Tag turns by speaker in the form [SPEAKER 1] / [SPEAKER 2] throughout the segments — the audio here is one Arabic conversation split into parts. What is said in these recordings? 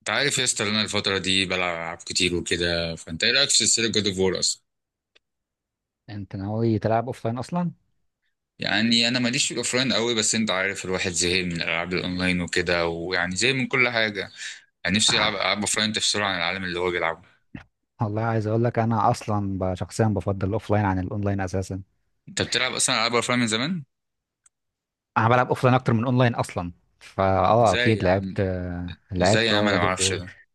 [SPEAKER 1] انت عارف يا اسطى إن انا الفترة دي بلعب ألعاب كتير وكده، فانت ايه رأيك في سلسلة جود اوف وور اصلا؟
[SPEAKER 2] انت ناوي تلعب اوفلاين اصلا؟
[SPEAKER 1] يعني انا ماليش في الاوفلاين قوي، بس انت عارف الواحد زهق من الالعاب الاونلاين وكده ويعني زي من كل حاجة. يعني نفسي يلعب العاب اوفلاين تفصله عن العالم اللي هو بيلعبه.
[SPEAKER 2] والله عايز اقول لك، انا اصلا شخصيا بفضل الاوفلاين عن الاونلاين اساسا.
[SPEAKER 1] انت بتلعب اصلا العاب اوفلاين من زمان؟
[SPEAKER 2] انا بلعب اوفلاين اكتر من اونلاين اصلا. فا
[SPEAKER 1] ازاي
[SPEAKER 2] اكيد
[SPEAKER 1] يا عم؟
[SPEAKER 2] لعبت.
[SPEAKER 1] ازاي
[SPEAKER 2] لعبت
[SPEAKER 1] يا عم انا
[SPEAKER 2] جاد اوف
[SPEAKER 1] معرفش ده؟
[SPEAKER 2] وور.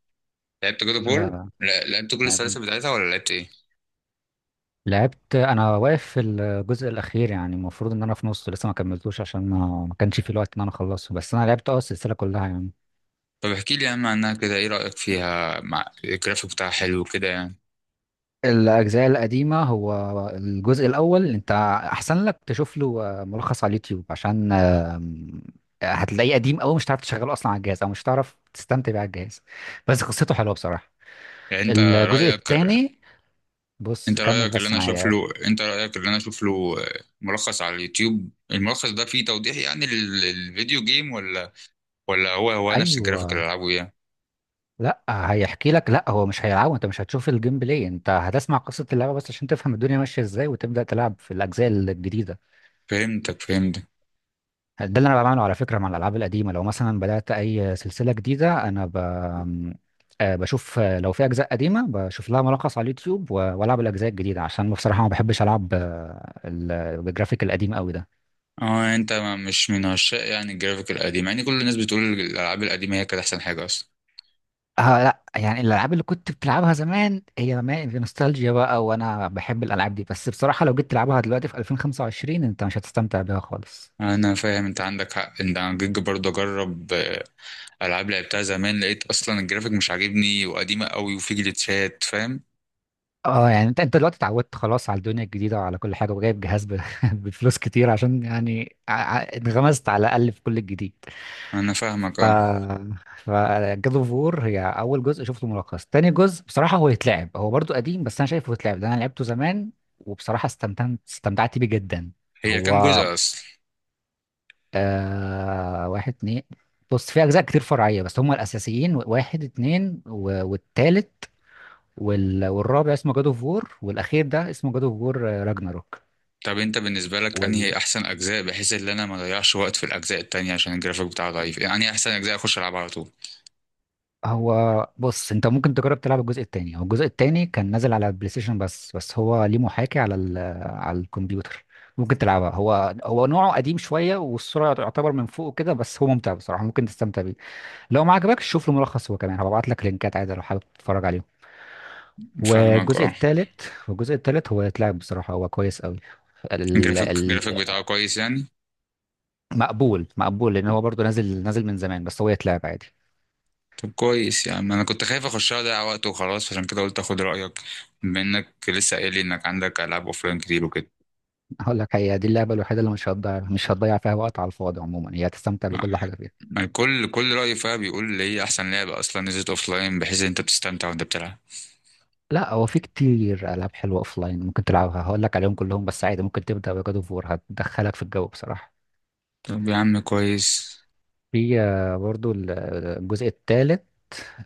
[SPEAKER 1] لعبت جود اوف
[SPEAKER 2] لا،
[SPEAKER 1] وور؟
[SPEAKER 2] لا.
[SPEAKER 1] لا لعبت كل
[SPEAKER 2] لعب-
[SPEAKER 1] السلاسل بتاعتها ولا لعبت ايه؟
[SPEAKER 2] لعبت. انا واقف في الجزء الاخير، يعني المفروض ان انا في نصه لسه، ما كملتوش عشان ما كانش في الوقت ان انا اخلصه، بس انا لعبت السلسله كلها يعني.
[SPEAKER 1] طب احكي لي يا عم عنها كده، ايه رأيك فيها؟ مع الجرافيك بتاعها حلو كده يعني.
[SPEAKER 2] الأجزاء القديمة، هو الجزء الأول أنت أحسن لك تشوف له ملخص على اليوتيوب، عشان هتلاقيه قديم أوي، مش هتعرف تشغله أصلا على الجهاز، أو مش هتعرف تستمتع بيه على الجهاز. بس قصته حلوة بصراحة.
[SPEAKER 1] يعني
[SPEAKER 2] الجزء التاني، بص كمل بس معايا.
[SPEAKER 1] انت رايك اللي انا اشوف له، ملخص على اليوتيوب. الملخص ده فيه توضيح يعني للفيديو جيم ولا هو نفس الجرافيك اللي
[SPEAKER 2] أيوه.
[SPEAKER 1] العبه يعني؟
[SPEAKER 2] لا، هيحكي لك. لا هو مش هيلعبه، أنت مش هتشوف الجيم بلاي، أنت هتسمع قصة اللعبة بس عشان تفهم الدنيا ماشية إزاي وتبدأ تلعب في الأجزاء الجديدة.
[SPEAKER 1] فهمتك فهمتك.
[SPEAKER 2] ده اللي انا بعمله على فكره مع الالعاب القديمه، لو مثلا بدات اي سلسله جديده انا بشوف، لو في اجزاء قديمه بشوف لها ملخص على اليوتيوب، والعب الاجزاء الجديده، عشان بصراحه ما بحبش العب بالجرافيك القديم قوي ده.
[SPEAKER 1] اه انت مش من عشاق يعني الجرافيك القديم، يعني كل الناس بتقول الالعاب القديمه هي كانت احسن حاجه اصلا.
[SPEAKER 2] آه لا، يعني الالعاب اللي كنت بتلعبها زمان، هي ما في نوستالجيا بقى، وانا بحب الالعاب دي، بس بصراحه لو جيت تلعبها دلوقتي في 2025 انت مش هتستمتع بيها خالص.
[SPEAKER 1] انا فاهم انت عندك حق ان انا جيت برضه اجرب، العاب لعبتها زمان لقيت اصلا الجرافيك مش عاجبني وقديمه قوي وفي جليتشات فاهم.
[SPEAKER 2] اه، يعني انت دلوقتي اتعودت خلاص على الدنيا الجديدة وعلى كل حاجة، وجايب جهاز بفلوس كتير عشان يعني انغمست على الأقل في كل الجديد.
[SPEAKER 1] انا فاهمك
[SPEAKER 2] ف
[SPEAKER 1] اه.
[SPEAKER 2] ف جاد اوف وور هي أول جزء شفته ملخص. تاني جزء بصراحة هو يتلعب، هو برضو قديم بس أنا شايفه يتلعب، ده أنا لعبته زمان وبصراحة استمتعت بيه جدا.
[SPEAKER 1] هي كام
[SPEAKER 2] هو
[SPEAKER 1] جزء اصلا؟
[SPEAKER 2] واحد اتنين. بص، في أجزاء كتير فرعية بس هما الأساسيين واحد اتنين والتالت والرابع اسمه جاد اوف وور، والاخير ده اسمه جاد اوف وور راجناروك.
[SPEAKER 1] طب انت بالنسبه لك
[SPEAKER 2] وال...
[SPEAKER 1] انهي احسن اجزاء بحيث ان انا ما اضيعش وقت في الاجزاء التانية عشان الجرافيك بتاعه ضعيف، يعني انهي احسن اجزاء اخش العبها على طول؟
[SPEAKER 2] هو بص، انت ممكن تجرب تلعب الجزء التاني. هو الجزء التاني كان نازل على البلاي ستيشن، بس هو ليه محاكي على على الكمبيوتر. ممكن تلعبها، هو نوعه قديم شويه، والصوره يعتبر من فوق كده، بس هو ممتع بصراحه ممكن تستمتع بيه. لو ما عجبكش شوف له ملخص، هو كمان هبعت لك لينكات عادي لو حابب تتفرج عليهم.
[SPEAKER 1] فاهمك
[SPEAKER 2] والجزء
[SPEAKER 1] اه.
[SPEAKER 2] التالت، والجزء التالت هو يتلعب بصراحه، هو كويس قوي.
[SPEAKER 1] الجرافيك بتاعه كويس يعني؟
[SPEAKER 2] مقبول، مقبول لان هو برضه نازل من زمان، بس هو يتلعب عادي.
[SPEAKER 1] طب كويس، يعني انا كنت خايف اخشها اضيع وقت وخلاص عشان كده قلت اخد رايك بما انك لسه قايل لي انك عندك العاب اوفلاين كتير وكده.
[SPEAKER 2] هقول لك، هي دي اللعبه الوحيده اللي مش هتضيع فيها وقت على الفاضي، عموما هي هتستمتع
[SPEAKER 1] ما-
[SPEAKER 2] بكل حاجه فيها.
[SPEAKER 1] ما كل راي فيها بيقول لي هي احسن لعبه اصلا نزلت اوفلاين بحيث ان انت بتستمتع وانت بتلعب.
[SPEAKER 2] لا، هو في كتير العاب حلوه اوف لاين ممكن تلعبها، هقول لك عليهم كلهم، بس عادي ممكن تبدا بجاد اوف وور، هتدخلك في الجو بصراحه.
[SPEAKER 1] طب يا عم كويس.
[SPEAKER 2] في برضه الجزء الثالث.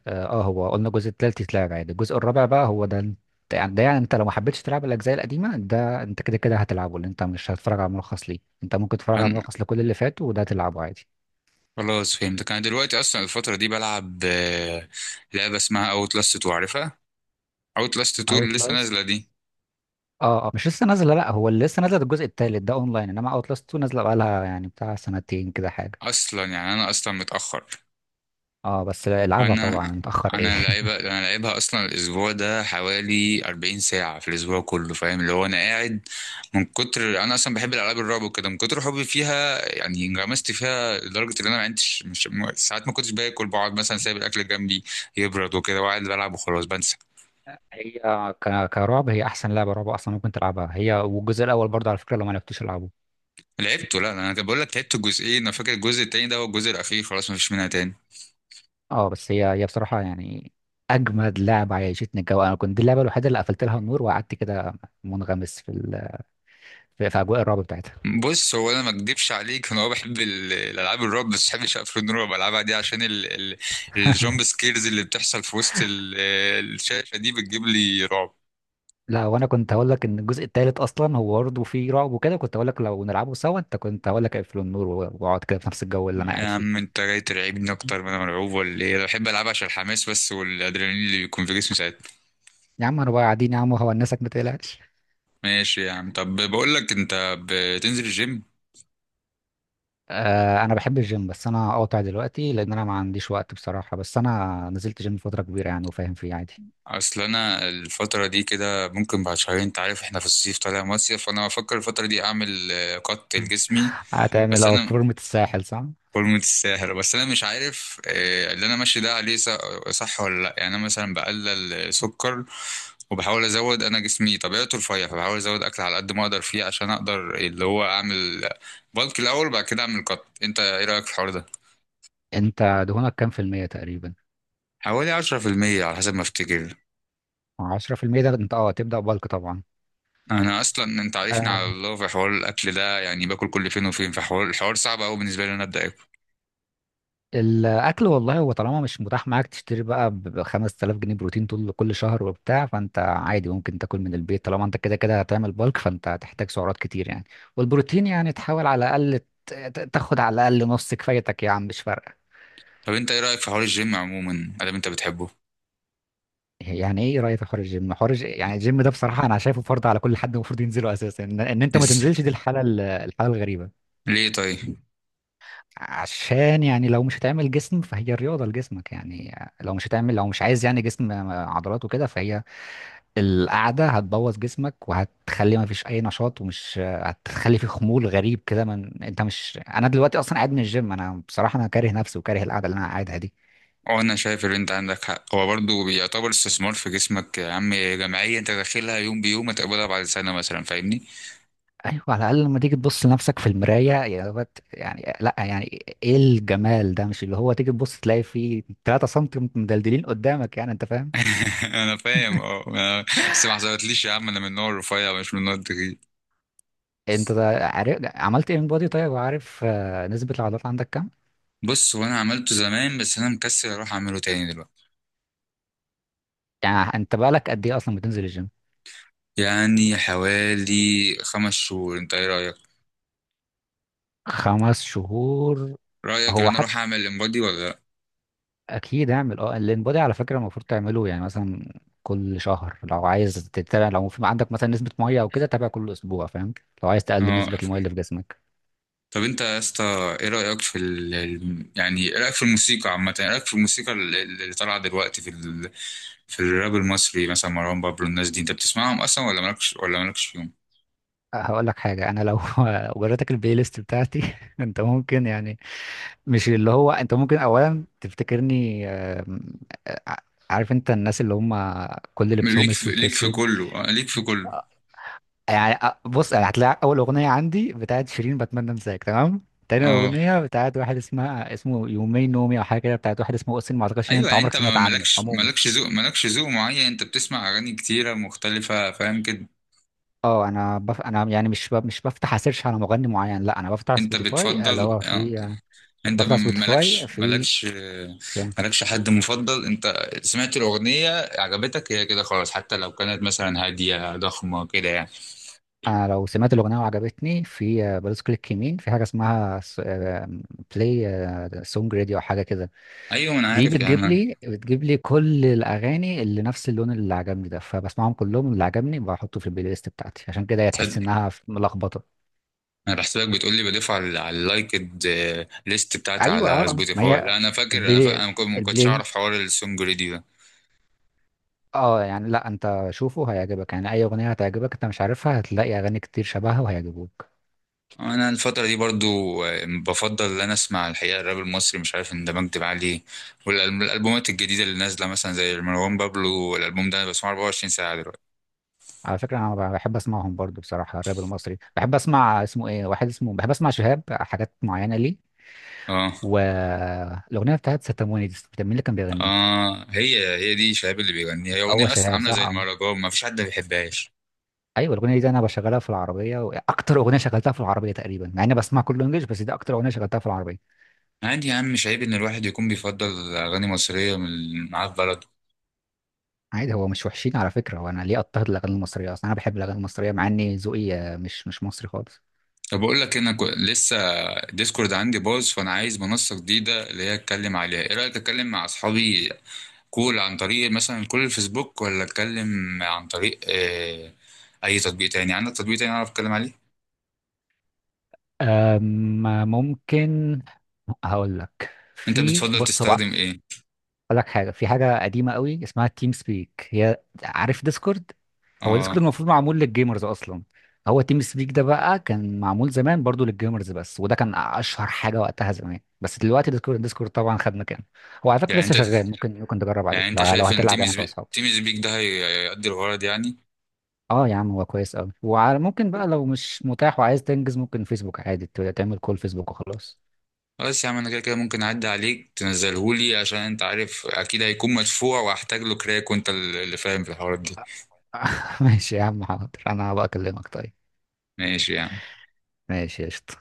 [SPEAKER 2] اه، هو قلنا الجزء الثالث يتلعب عادي، الجزء الرابع بقى هو ده انت، يعني ده يعني انت لو ما حبيتش تلعب الاجزاء القديمه ده انت كده كده هتلعبه، لان انت مش هتتفرج على ملخص ليه، انت ممكن تتفرج على ملخص لكل اللي فات وده تلعبه عادي.
[SPEAKER 1] خلاص فهمتك، انا دلوقتي اصلا الفتره دي بلعب، لعبه اسمها اوت لاست 2، عارفها؟ اوت لاست 2 اللي لسه
[SPEAKER 2] اوتلاست،
[SPEAKER 1] نازله دي.
[SPEAKER 2] اه. اه، مش لسه نازله، لا هو اللي لسه نازله ده الجزء التالت، ده اونلاين، انما اوت لاست 2 نازله بقالها يعني بتاع سنتين كده حاجه.
[SPEAKER 1] اصلا يعني انا اصلا متاخر.
[SPEAKER 2] اه بس العبها طبعا،
[SPEAKER 1] انا
[SPEAKER 2] متاخر ايه
[SPEAKER 1] انا لعيبه انا لعيبها اصلا الاسبوع ده حوالي 40 ساعه في الاسبوع كله فاهم اللي هو انا قاعد. من كتر انا اصلا بحب الالعاب الرعب وكده، من كتر حبي فيها يعني انغمست فيها لدرجه ان انا ما عندش مش م- ساعات ما كنتش باكل، بقعد مثلا سايب الاكل جنبي يبرد وكده وقاعد بلعب وخلاص بنسى.
[SPEAKER 2] هي كرعب، هي احسن لعبه رعب اصلا ممكن تلعبها، هي والجزء الاول برضه على فكره لو ما عرفتوش العبه.
[SPEAKER 1] لعبته. لا انا بقول لك لعبت الجزئين، انا فاكر الجزء التاني ده هو الجزء الاخير خلاص مفيش منها تاني.
[SPEAKER 2] اه بس هي بصراحه يعني اجمد لعبه، عيشتني الجو. انا كنت دي اللعبه الوحيده اللي قفلت لها النور وقعدت كده منغمس في في اجواء الرعب بتاعتها.
[SPEAKER 1] بص هو انا ما اكدبش عليك، انا هو بحب الالعاب الرعب، بس ما بحبش افلام الرعب العبها دي عشان الجامب سكيرز اللي بتحصل في وسط الشاشه دي بتجيب لي رعب.
[SPEAKER 2] لا، وانا كنت هقول لك ان الجزء الثالث اصلا هو برضه فيه رعب وكده، كنت هقول لك لو نلعبه سوا، انت كنت هقول لك اقفل النور واقعد كده في نفس الجو اللي انا
[SPEAKER 1] يا
[SPEAKER 2] قاعد
[SPEAKER 1] عم
[SPEAKER 2] فيه.
[SPEAKER 1] انت جاي ترعبني اكتر ما انا مرعوب ولا ايه؟ انا بحب العبها عشان الحماس بس والادرينالين اللي بيكون في جسمي ساعتها.
[SPEAKER 2] يا عم انا بقى قاعدين يا عم وهونسك، ما تقلقش.
[SPEAKER 1] ماشي يا عم، طب بقول لك انت بتنزل الجيم؟
[SPEAKER 2] آه انا بحب الجيم، بس انا قاطع دلوقتي لان انا ما عنديش وقت بصراحه، بس انا نزلت جيم فتره كبيره يعني وفاهم فيه عادي.
[SPEAKER 1] اصل انا الفتره دي كده ممكن بعد شهرين، انت عارف احنا في الصيف طالع مصيف، فانا بفكر الفتره دي اعمل، قط لجسمي.
[SPEAKER 2] هتعمل
[SPEAKER 1] بس
[SPEAKER 2] اه
[SPEAKER 1] انا
[SPEAKER 2] فورمة الساحل، صح؟
[SPEAKER 1] فورمه الساهر، بس انا مش عارف، اللي انا ماشي ده عليه صح ولا لا، يعني انا مثلا بقلل سكر وبحاول ازود، انا جسمي طبيعته رفيع فبحاول ازود اكل على قد ما اقدر فيه عشان اقدر اللي هو اعمل بالك الاول وبعد كده اعمل قط، انت ايه رايك في الحوار ده؟
[SPEAKER 2] انت دهونك كام في المية تقريبا؟
[SPEAKER 1] حوالي 10% على حسب ما افتكر.
[SPEAKER 2] 10%، ده انت اه تبدأ بالك طبعا.
[SPEAKER 1] انا اصلا انت عارفني على الله في حوار الاكل ده، يعني باكل كل فين وفين، في حوار الحوار صعب قوي بالنسبه لي إن انا ابدا اكل.
[SPEAKER 2] الاكل والله، هو طالما مش متاح معاك تشتري بقى ب 5000 جنيه بروتين طول كل شهر وبتاع، فانت عادي ممكن تاكل من البيت، طالما انت كده كده هتعمل بالك فانت هتحتاج سعرات كتير يعني، والبروتين يعني تحاول على الاقل تاخد على الاقل نص كفايتك يا عم، مش فارقه.
[SPEAKER 1] طب انت ايه رايك في حوار الجيم عموما ادام انت بتحبه؟
[SPEAKER 2] يعني ايه رايك في حوار الجيم؟ يعني الجيم ده بصراحه انا شايفه فرض على كل حد، المفروض ينزله اساسا، ان إن انت ما
[SPEAKER 1] إز...
[SPEAKER 2] تنزلش دي الحاله، الحاله الغريبه.
[SPEAKER 1] ليه طيب؟
[SPEAKER 2] عشان يعني لو مش هتعمل جسم فهي الرياضه لجسمك يعني، لو مش هتعمل لو مش عايز يعني جسم عضلات وكده فهي، القعدة هتبوظ جسمك وهتخلي ما فيش أي نشاط، ومش هتخلي فيه خمول غريب كده. من أنت مش، أنا دلوقتي أصلا قاعد من الجيم، أنا بصراحة أنا كاره نفسي وكاره القعدة اللي أنا قاعدها دي.
[SPEAKER 1] اه انا شايف ان انت عندك حق، هو برضه بيعتبر استثمار في جسمك يا عم، جمعيه انت داخلها يوم بيوم هتقبلها بعد سنه مثلا، فاهمني؟
[SPEAKER 2] أيوة، على الأقل لما تيجي تبص لنفسك في المراية يعني لأ، يعني إيه الجمال ده، مش اللي هو تيجي تبص تلاقي فيه 3 سم مدلدلين قدامك يعني، أنت فاهم.
[SPEAKER 1] انا فاهم اه. بس ما حصلتليش يا عم، انا من النوع الرفيع مش من النوع التخين.
[SPEAKER 2] أنت ده عارف عملت إيه من بودي طيب، وعارف نسبة العضلات عندك كام؟
[SPEAKER 1] بص هو انا عملته زمان بس انا مكسل اروح اعمله تاني دلوقتي.
[SPEAKER 2] يعني أنت بقالك قد إيه أصلا بتنزل الجيم؟
[SPEAKER 1] يعني حوالي 5 شهور، انت ايه رايك؟
[SPEAKER 2] 5 شهور؟
[SPEAKER 1] رأيك ان
[SPEAKER 2] هو
[SPEAKER 1] انا اروح اعمل امبادي ولا لا؟
[SPEAKER 2] اكيد اعمل اه الانبادي على فكره، المفروض تعمله يعني مثلا كل شهر، لو عايز تتابع لو في عندك مثلا نسبه ميه او كده تابع كل اسبوع فاهم، لو عايز تقلل
[SPEAKER 1] اه.
[SPEAKER 2] نسبه الميه اللي في جسمك.
[SPEAKER 1] طب انت يا اسطى ايه رأيك في يعني ايه رأيك في الموسيقى عامة، ايه رأيك في الموسيقى اللي طالعة دلوقتي في في الراب المصري مثلا مروان بابلو، الناس دي انت بتسمعهم اصلا ولا مالكش فيهم؟
[SPEAKER 2] أه، هقول لك حاجه انا لو وريتك البلاي ليست بتاعتي انت ممكن يعني، مش اللي هو انت ممكن اولا تفتكرني آم، آه، عارف انت الناس اللي هم كل لبسهم اسود في اسود.
[SPEAKER 1] ليك في كله.
[SPEAKER 2] يعني أ- بص، أنا هتلاقي اول اغنيه عندي بتاعت شيرين، بتمنى انساك، تمام. تاني
[SPEAKER 1] اه
[SPEAKER 2] اغنيه بتاعت واحد اسمه يومين نومي او حاجه كده، بتاعت واحد اسمه اوسين، ما اعتقدش ان
[SPEAKER 1] ايوه،
[SPEAKER 2] انت
[SPEAKER 1] يعني
[SPEAKER 2] عمرك
[SPEAKER 1] انت
[SPEAKER 2] سمعت عنه عموما.
[SPEAKER 1] مالكش ذوق معين، انت بتسمع اغاني كتيرة مختلفة فاهم كده.
[SPEAKER 2] اه انا انا يعني مش بفتح اسيرش على مغني معين، لا انا بفتح
[SPEAKER 1] انت
[SPEAKER 2] سبوتيفاي اللي
[SPEAKER 1] بتفضل
[SPEAKER 2] هو
[SPEAKER 1] آه.
[SPEAKER 2] في،
[SPEAKER 1] انت
[SPEAKER 2] بفتح سبوتيفاي في آه،
[SPEAKER 1] مالكش حد مفضل، انت سمعت الاغنيه عجبتك هي كده خلاص حتى لو كانت مثلا هاديه ضخمه كده يعني؟
[SPEAKER 2] انا لو سمعت الاغنيه وعجبتني في بدوس كليك يمين في حاجه اسمها بلاي سونج راديو او حاجه كده.
[SPEAKER 1] ايوه انا
[SPEAKER 2] دي
[SPEAKER 1] عارف يا
[SPEAKER 2] بتجيب
[SPEAKER 1] عم.
[SPEAKER 2] لي بتجيب لي كل الاغاني اللي نفس اللون اللي عجبني ده، فبسمعهم كلهم. اللي عجبني بحطه في البلاي ليست بتاعتي، عشان كده هي تحس
[SPEAKER 1] تصدق.
[SPEAKER 2] انها ملخبطه.
[SPEAKER 1] انا بحسبك بتقول لي بضيف على اللايكد ليست بتاعتي
[SPEAKER 2] ايوه، اه
[SPEAKER 1] على
[SPEAKER 2] ما
[SPEAKER 1] سبوتيفاي،
[SPEAKER 2] هي
[SPEAKER 1] لا انا فاكر
[SPEAKER 2] البلاي،
[SPEAKER 1] ما كنتش
[SPEAKER 2] البلاي
[SPEAKER 1] اعرف حوار السونج ريدي ده.
[SPEAKER 2] اه يعني لا، انت شوفه هيعجبك، يعني اي اغنيه هتعجبك انت مش عارفها هتلاقي اغاني كتير شبهها وهيعجبوك.
[SPEAKER 1] انا الفتره دي برضو، بفضل ان انا اسمع الحقيقه الراب المصري، مش عارف اندمجت معاه ليه. والالبومات الجديده اللي نازله مثلا زي مروان بابلو، الالبوم ده انا بسمعه 24 ساعه دلوقتي.
[SPEAKER 2] على فكره انا بحب اسمعهم برضو بصراحه، الراب المصري بحب اسمع اسمه ايه، واحد اسمه بحب اسمع شهاب حاجات معينه ليه.
[SPEAKER 1] اه.
[SPEAKER 2] والاغنيه بتاعت ستاموني دي بتاع مين اللي كان بيغنيها؟
[SPEAKER 1] اه هي دي شهاب اللي بيغنيها، هي
[SPEAKER 2] هو
[SPEAKER 1] اغنيه اصلا
[SPEAKER 2] شهاب
[SPEAKER 1] عامله
[SPEAKER 2] صح
[SPEAKER 1] زي المهرجان ما فيش حد ما بيحبهاش.
[SPEAKER 2] ايوه الاغنيه دي انا بشغلها في العربيه، واكتر اغنيه شغلتها في العربيه تقريبا، مع اني بسمع كله انجلش بس دي اكتر اغنيه شغلتها في العربيه.
[SPEAKER 1] عادي يا عم، مش عيب ان الواحد يكون بيفضل اغاني مصريه من معاه في بلده.
[SPEAKER 2] عادي، هو مش وحشين على فكره، وانا ليه اضطهد الاغاني المصريه اصلا؟ انا بحب الاغاني المصريه مع اني ذوقي مش مصري خالص.
[SPEAKER 1] طب بقول لك انا لسه الديسكورد عندي باظ، فانا عايز منصه جديده اللي هي اتكلم عليها، ايه رايك اتكلم مع اصحابي كول عن طريق مثلا كل الفيسبوك ولا اتكلم عن طريق، اي تطبيق تاني؟ عندك تطبيق تاني اعرف اتكلم عليه؟
[SPEAKER 2] أما ممكن هقول لك
[SPEAKER 1] انت
[SPEAKER 2] في
[SPEAKER 1] بتفضل
[SPEAKER 2] بص هو
[SPEAKER 1] تستخدم ايه؟
[SPEAKER 2] هقول لك حاجه. في حاجه قديمه قوي اسمها تيم سبيك، هي عارف ديسكورد. هو ديسكورد
[SPEAKER 1] اه
[SPEAKER 2] المفروض معمول للجيمرز اصلا، هو تيم سبيك ده بقى كان معمول زمان برضو للجيمرز بس، وده كان اشهر حاجه وقتها زمان، بس دلوقتي ديسكورد، طبعا خد مكانه. هو على فكره
[SPEAKER 1] يعني
[SPEAKER 2] لسه
[SPEAKER 1] انت
[SPEAKER 2] شغال، ممكن تجرب عليه
[SPEAKER 1] يعني انت
[SPEAKER 2] لو
[SPEAKER 1] شايف ان
[SPEAKER 2] هتلعب يعني انت واصحابك.
[SPEAKER 1] تيمز بيك ده هيقضي الغرض يعني؟
[SPEAKER 2] اه يا عم هو كويس قوي، وعلى ممكن بقى لو مش متاح وعايز تنجز ممكن فيسبوك عادي تعمل كول فيسبوك وخلاص.
[SPEAKER 1] خلاص يا عم انا كده كده ممكن اعدي عليك تنزلهولي عشان انت عارف اكيد هيكون مدفوع واحتاج له كراك وانت اللي فاهم في الحوارات دي.
[SPEAKER 2] ماشي يا عم حاضر، انا هبقى اكلمك طيب.
[SPEAKER 1] ماشي يعني.
[SPEAKER 2] ماشي، قشطة.